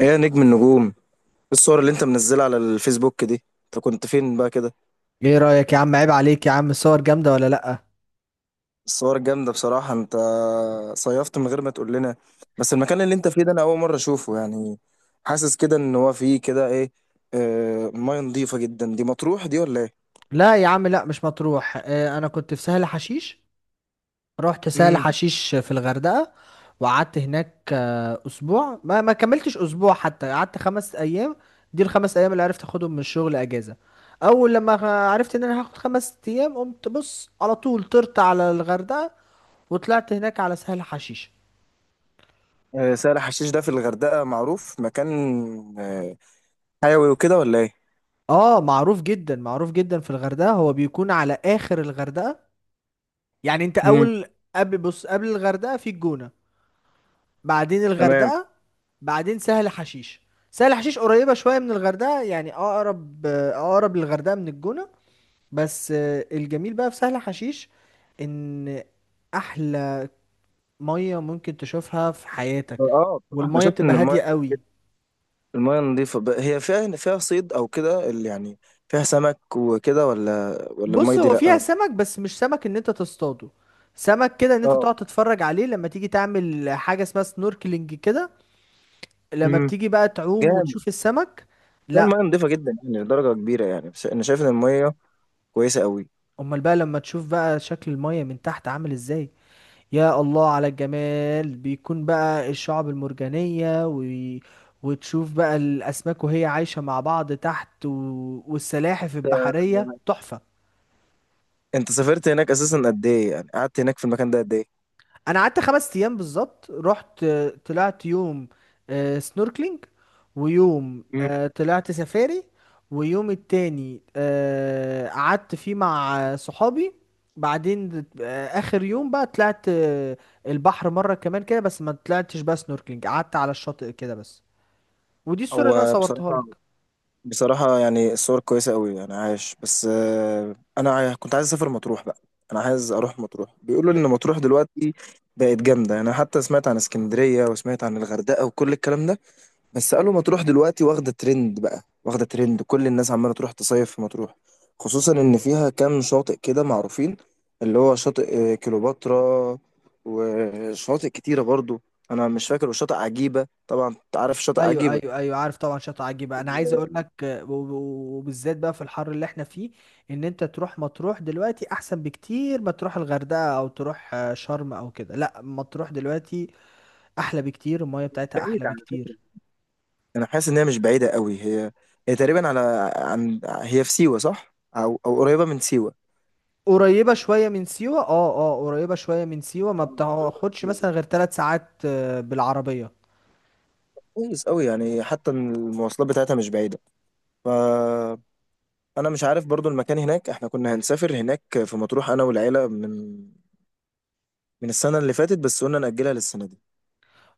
ايه يا نجم النجوم، إيه؟ الصور اللي انت منزلها على الفيسبوك دي، انت كنت فين بقى كده؟ ايه رأيك يا عم؟ عيب عليك يا عم، الصور جامدة ولا لأ؟ الصور جامدة بصراحة، انت صيفت من غير ما تقول لنا. بس المكان اللي انت فيه ده، انا اول مرة اشوفه يعني. حاسس كده ان هو فيه كده ايه. آه، مياه نظيفة جدا، دي مطروح دي ولا ايه؟ لا يا عم، لا مش مطروح، انا كنت في سهل حشيش. رحت سهل امم. حشيش في الغردقة وقعدت هناك اسبوع، ما كملتش اسبوع، حتى قعدت 5 ايام. دي الخمس ايام اللي عرفت اخدهم من الشغل اجازة. اول لما عرفت ان انا هاخد 5 ايام، قمت بص، على طول طرت على الغردقة وطلعت هناك على سهل حشيش. آه، سهل حشيش ده في الغردقة معروف مكان. آه، حيوي وكده ولا ايه؟ اه، معروف جدا معروف جدا في الغردقة، هو بيكون على اخر الغردقة، يعني انت امم. اول، قبل، بص، قبل الغردقه في الجونه، بعدين تمام. الغردقه، بعدين سهل حشيش. سهل حشيش قريبه شويه من الغردقه، يعني اقرب اقرب للغردقه من الجونه. بس الجميل بقى في سهل حشيش، ان احلى ميه ممكن تشوفها في حياتك، اه، بصراحة انا والميه شفت بتبقى ان المياه، هاديه قوي. المياه النظيفة هي فيها صيد أو كده اللي يعني فيها سمك وكده ولا المية بص دي هو فيها لأ؟ سمك، بس مش سمك ان انت تصطاده، سمك كده ان انت اه. تقعد تتفرج عليه لما تيجي تعمل حاجه اسمها سنوركلينج كده، لما امم. بتيجي بقى تعوم جامد. وتشوف السمك. ده المياه لا. نظيفة جدا يعني لدرجة كبيرة يعني، بس أنا شايف إن المياه كويسة قوي. امال بقى لما تشوف بقى شكل المية من تحت عامل ازاي؟ يا الله على الجمال، بيكون بقى الشعب المرجانية و. وتشوف بقى الاسماك وهي عايشة مع بعض تحت و. والسلاحف آه، البحرية تحفة. أنت سافرت هناك أساسا قد إيه؟ يعني قعدت هناك في المكان ده قد إيه؟ انا قعدت 5 ايام بالظبط، رحت، طلعت يوم سنوركلينج، ويوم امم. طلعت سفاري، ويوم التاني قعدت فيه مع صحابي. بعدين اخر يوم بقى طلعت البحر مرة كمان كده، بس ما طلعتش بقى سنوركلينج، قعدت على الشاطئ كده بس. ودي الصورة اللي انا هو صورتها بصراحة، لك. بصراحة يعني الصور كويسة قوي يعني عايش، بس أنا كنت عايز أسافر مطروح بقى. أنا عايز أروح مطروح، بيقولوا إن مطروح دلوقتي بقت جامدة. أنا حتى سمعت عن اسكندرية وسمعت عن الغردقة وكل الكلام ده، بس قالوا مطروح دلوقتي واخدة ترند بقى واخدة ترند، كل الناس عمالة تروح تصيف في مطروح. خصوصا إن فيها كام شاطئ كده معروفين، اللي هو شاطئ كليوباترا، وشواطئ كتيرة برضو أنا مش فاكر، وشاطئ عجيبة. طبعا أنت عارف شاطئ ايوه، عجيبة. ايوه، ايوه، عارف طبعا شاطئ عجيبه. انا عايز اقول لك، وبالذات بقى في الحر اللي احنا فيه، ان انت تروح مطروح دلوقتي احسن بكتير ما تروح الغردقه او تروح شرم او كده. لا مطروح دلوقتي احلى بكتير، المايه بتاعتها بعيدة احلى على فكرة، بكتير. أنا حاسس إن هي مش بعيدة قوي. هي هي تقريبا على، عن، هي في سيوة صح؟ أو قريبة من سيوة. قريبه شويه من سيوه، اه، اه، قريبه شويه من سيوه، ما آه، قريبة من بتاخدش سيوة. مثلا غير 3 ساعات بالعربيه. كويس قوي يعني، حتى إن المواصلات بتاعتها مش بعيدة، ف انا مش عارف برضو المكان هناك. احنا كنا هنسافر هناك في مطروح، انا والعيله، من من السنه اللي فاتت، بس قلنا ناجلها للسنه دي.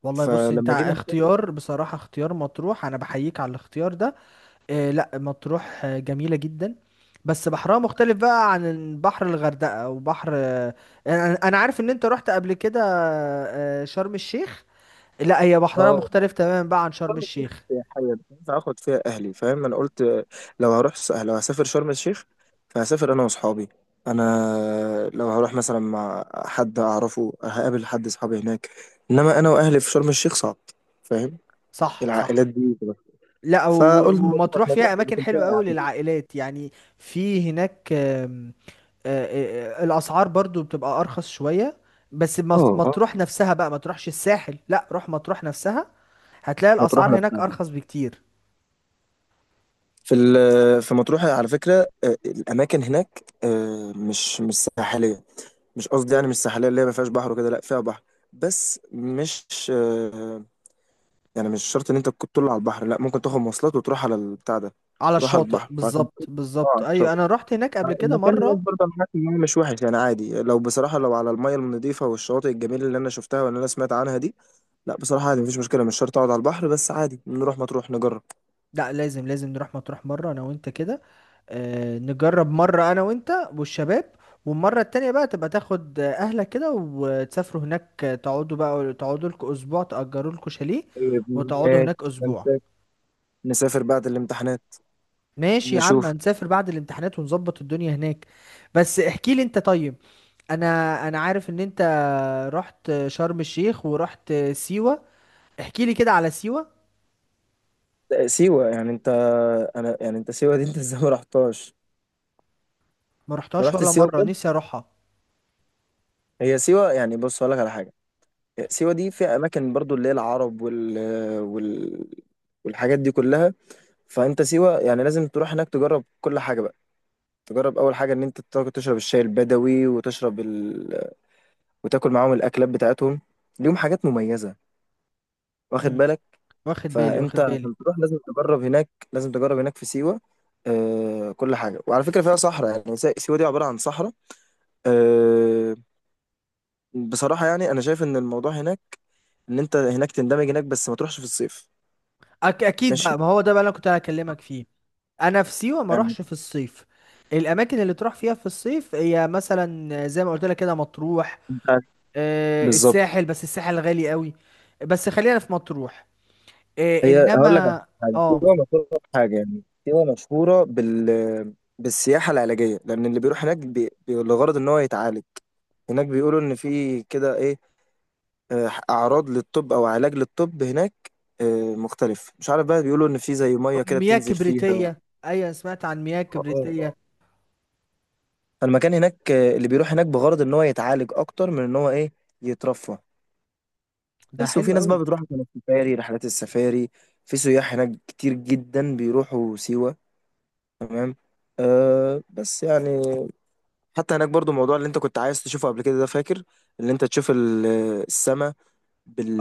والله بص، انت فلما جينا نسافر، اختيار بصراحه، اختيار مطروح، انا بحييك على الاختيار ده. آه لا مطروح، جميلة جدا. بس بحرها مختلف بقى عن بحر الغردقة وبحر، انا عارف ان انت رحت قبل كده شرم الشيخ. لا هي بحرها اه، مختلف تماما بقى عن شرم شرم الشيخ الشيخ. سياحية، مش هينفع اخد فيها اهلي، فاهم. انا قلت لو هروح، لو هسافر شرم الشيخ، فهسافر انا واصحابي. انا لو هروح مثلا مع حد اعرفه، هقابل حد اصحابي هناك. انما انا واهلي في شرم الشيخ صعب، فاهم. صح، صح. العائلات دي لا، فقلنا مطروح، ومطروح مطروح فيها اللي اماكن كنت حلوة قوي فيها. للعائلات يعني. في هناك، آم، آه، آه، آه، الاسعار برضو بتبقى ارخص شوية. بس اه، اه، مطروح نفسها بقى، ما تروحش الساحل، لا روح مطروح نفسها، هتلاقي مطروح الاسعار هناك نفسها. ارخص بكتير. في مطروح على فكرة، الأماكن هناك مش ساحلية. مش قصدي يعني مش ساحلية اللي هي ما فيهاش بحر وكده، لا فيها بحر، بس مش آه، يعني مش شرط إن أنت تكون طول على البحر، لا ممكن تاخد مواصلات وتروح على البتاع ده، على تروح على الشاطئ البحر. فعشان بالظبط كده اه بالظبط، على ايوه الشاطئ. انا رحت هناك قبل كده المكان هناك مره. برضه أنا حاسس إن هو مش وحش يعني عادي، لو بصراحة لو على المية النظيفة والشواطئ الجميلة اللي أنا شفتها واللي أنا سمعت عنها دي، لا بصراحة عادي مفيش مشكلة، مش شرط أقعد على البحر، بس عادي نروح مطروح نجرب. لا، لازم لازم نروح مطروح مره انا وانت كده، نجرب مره انا وانت والشباب. والمره التانية بقى تبقى تاخد اهلك كده وتسافروا هناك، تقعدوا بقى، تقعدوا لكم اسبوع، تأجروا لكم شاليه طيب. وتقعدوا هناك اسبوع. ماشي، نسافر بعد الامتحانات. ماشي يا عم، نشوف. هنسافر بعد الامتحانات ونظبط الدنيا هناك. بس احكي لي انت طيب، انا انا عارف ان انت رحت شرم الشيخ ورحت سيوه، احكي لي كده على سيوه. سيوة يعني انت، انا يعني انت سيوة دي، انت ازاي ما رحتهاش؟ ما ما رحتهاش رحت ولا سيوة مره، بجد. نفسي اروحها. هي سيوة يعني، بص هقول لك على حاجة. سيوة دي فيها اماكن برضو اللي هي العرب وال... والحاجات دي كلها. فانت سيوة يعني لازم تروح هناك تجرب كل حاجة بقى. تجرب اول حاجة ان انت تشرب الشاي البدوي وتشرب وتاكل معاهم الاكلات بتاعتهم. ليهم حاجات مميزة، واخد امم. بالك. واخد بالي، فانت واخد بالي. عشان تروح لازم تجرب هناك، لازم تجرب هناك في سيوه آه كل حاجه. وعلى فكره فيها صحراء يعني، سيوه دي عباره عن صحراء. آه، بصراحه يعني انا شايف ان الموضوع هناك ان انت هناك تندمج هناك، بس ما تروحش في الصيف. اكيد ماشي. بقى، ما هو ده بقى اللي أنا كنت هكلمك فيه. انا في سيوه ما يعني اروحش في الصيف. الاماكن اللي تروح فيها في الصيف هي مثلا زي ما قلت لك كده مطروح، انت بالظبط. الساحل، بس الساحل غالي قوي. بس خلينا في مطروح، هي هقول لك على انما. حاجه، اه، سيوه مشهوره بحاجه، يعني سيوه مشهوره بال بالسياحه العلاجيه، لان اللي بيروح هناك لغرض ان هو يتعالج. هناك بيقولوا ان في كده ايه، اعراض للطب او علاج للطب هناك مختلف، مش عارف بقى. بيقولوا ان في زي ميه كده مياه بتنزل فيها. كبريتيه، ايوه سمعت عن مياه اه، اه، آه. كبريتيه. فالمكان هناك اللي بيروح هناك بغرض ان هو يتعالج اكتر من ان هو ايه، يترفه. ده بس حلو وفي ناس بقى قوي. بتروح عشان السفاري، رحلات السفاري. في سياح هناك كتير جدا بيروحوا سيوة. تمام. أه، بس يعني حتى هناك برضو الموضوع اللي انت كنت عايز تشوفه قبل كده ده، فاكر؟ اللي انت تشوف السماء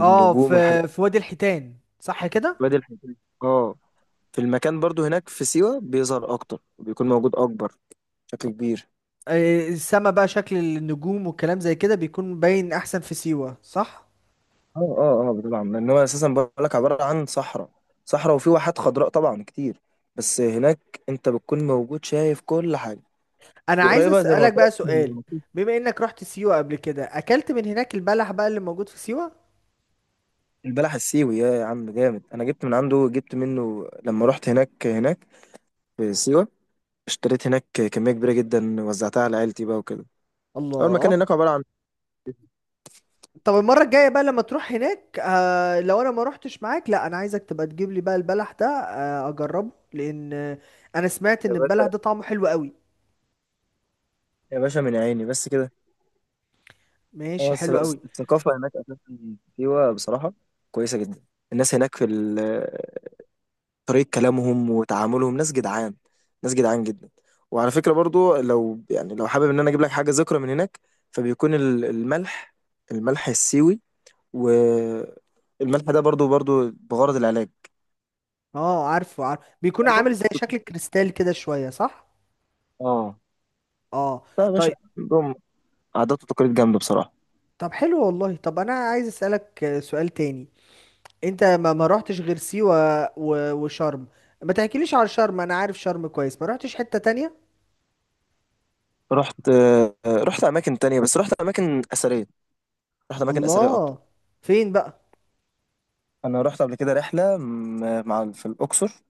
اه، في والحاجات في وادي الحيتان صح كده؟ دي، الحاجات دي. اه. في المكان برضو هناك في سيوة بيظهر أكتر وبيكون موجود أكبر بشكل كبير. السما بقى شكل النجوم والكلام زي كده بيكون باين احسن في سيوة صح؟ اه، اه، اه، طبعا لأن هو أساسا بقولك عبارة عن صحراء، صحراء وفي واحات خضراء طبعا كتير. بس هناك أنت بتكون موجود شايف كل حاجة. انا عايز وقريبة زي ما اسالك قلت بقى لك سؤال، من. بما انك رحت سيوة قبل كده، اكلت من هناك البلح بقى اللي موجود في سيوة؟ البلح السيوي يا عم جامد، أنا جبت من عنده، جبت منه لما رحت هناك. في سيوة اشتريت هناك كمية كبيرة جدا، وزعتها على عيلتي بقى وكده. أول مكان الله. هناك عبارة عن. طب المرة الجاية بقى لما تروح هناك، لو انا ما روحتش معاك، لا انا عايزك تبقى تجيب لي بقى البلح ده، اجربه لان انا سمعت يا ان البلح باشا. ده طعمه حلو قوي. يا باشا، من عيني بس كده. ماشي، اه حلو قوي. الثقافة هناك أساسا، سيوة بصراحة كويسة جدا. الناس هناك في طريقة كلامهم وتعاملهم ناس جدعان، ناس جدعان جدا. وعلى فكرة برضو لو يعني لو حابب إن أنا أجيب لك حاجة ذكرى من هناك، فبيكون الملح، الملح السيوي. والملح ده برضو بغرض العلاج. اه، عارف بيكون عندهم عامل زي شكل الكريستال كده شوية صح؟ اه، اه، لا يا باشا، طيب. عندهم عادات وتقاليد جامدة بصراحة. طب حلو والله، طب انا عايز اسالك سؤال تاني. انت ما روحتش غير سيوة وشرم، ما تحكيليش على شرم، انا عارف شرم كويس، ما روحتش حتة تانية. رحت رحت أماكن تانية، بس رحت أماكن أثرية. رحت أماكن أثرية أكتر. الله، فين بقى؟ انا رحت قبل كده رحله مع، في الاقصر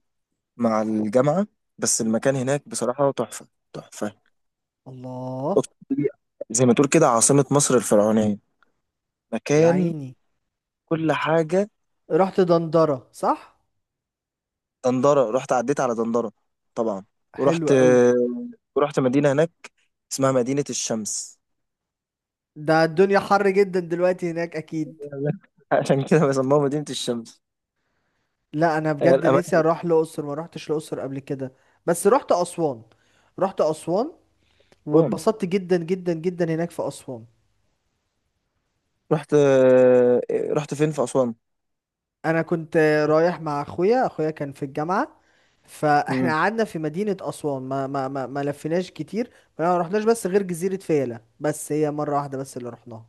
مع الجامعه. بس مم. المكان هناك بصراحه تحفه، تحفه. الله. الاقصر دي زي ما تقول كده عاصمه مصر الفرعونيه، يا مكان عيني. كل حاجه. رحت دندرة صح؟ دندره رحت، عديت على دندره طبعا. حلو ورحت قوي. ورحت مدينه هناك اسمها مدينه الشمس. ده الدنيا حر جدا دلوقتي هناك اكيد. عشان كده بسموها مدينه الشمس. لا انا بجد نفسي الاماكن اروح الاقصر، ما روحتش الاقصر قبل كده. بس رحت اسوان، رحت اسوان كلهم. واتبسطت جدا جدا جدا هناك في اسوان. رحت رحت فين في اسوان. انا كنت رايح مع اخويا، اخويا كان في الجامعه، فاحنا مم. قعدنا في مدينه اسوان، ما لفيناش كتير، ما رحناش بس غير جزيره فيلة، بس هي مره واحده بس اللي رحناها.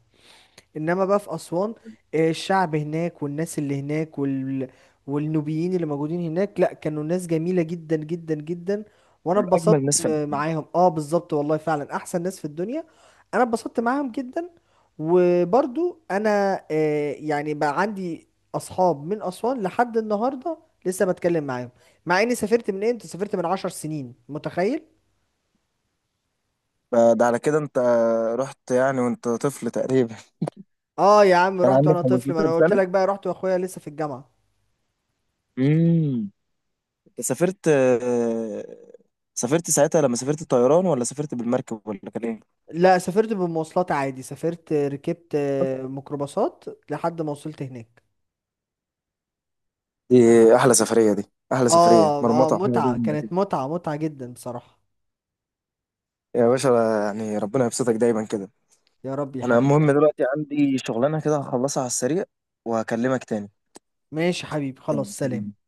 انما بقى في اسوان، الشعب هناك والناس اللي هناك والنوبيين اللي موجودين هناك، لا كانوا ناس جميلة جدا جدا جدا. وانا من اجمل اتبسطت ناس فعلا. معاهم. اه بالظبط والله فعلا احسن ناس في الدنيا. انا اتبسطت معاهم جدا، وبرضو انا يعني بقى عندي اصحاب من اسوان لحد النهارده، لسه بتكلم معاهم، مع اني سافرت، من امتى سافرت؟ من 10 سنين متخيل؟ فده على كده انت رحت يعني وانت طفل تقريبا، اه يا عم، كان رحت عندك وانا طفل، ما 15 انا قلت سنة. لك بقى رحت واخويا لسه في الجامعة. امم. سافرت سافرت ساعتها، لما سافرت الطيران ولا سافرت بالمركب ولا كان ايه؟ لا سافرت بمواصلات عادي، سافرت ركبت ميكروباصات لحد ما وصلت هناك. دي احلى سفرية، دي احلى سفرية اه، اه، مرمطة، حاجة متعة، جامدة كده. كانت متعة متعة جدا بصراحة. يا باشا، يعني ربنا يبسطك دايما كده. يا رب يا انا حبيبي يا المهم رب. دلوقتي عندي شغلانة كده، هخلصها على السريع وهكلمك تاني. ماشي حبيبي، خلاص، تمام. سلام.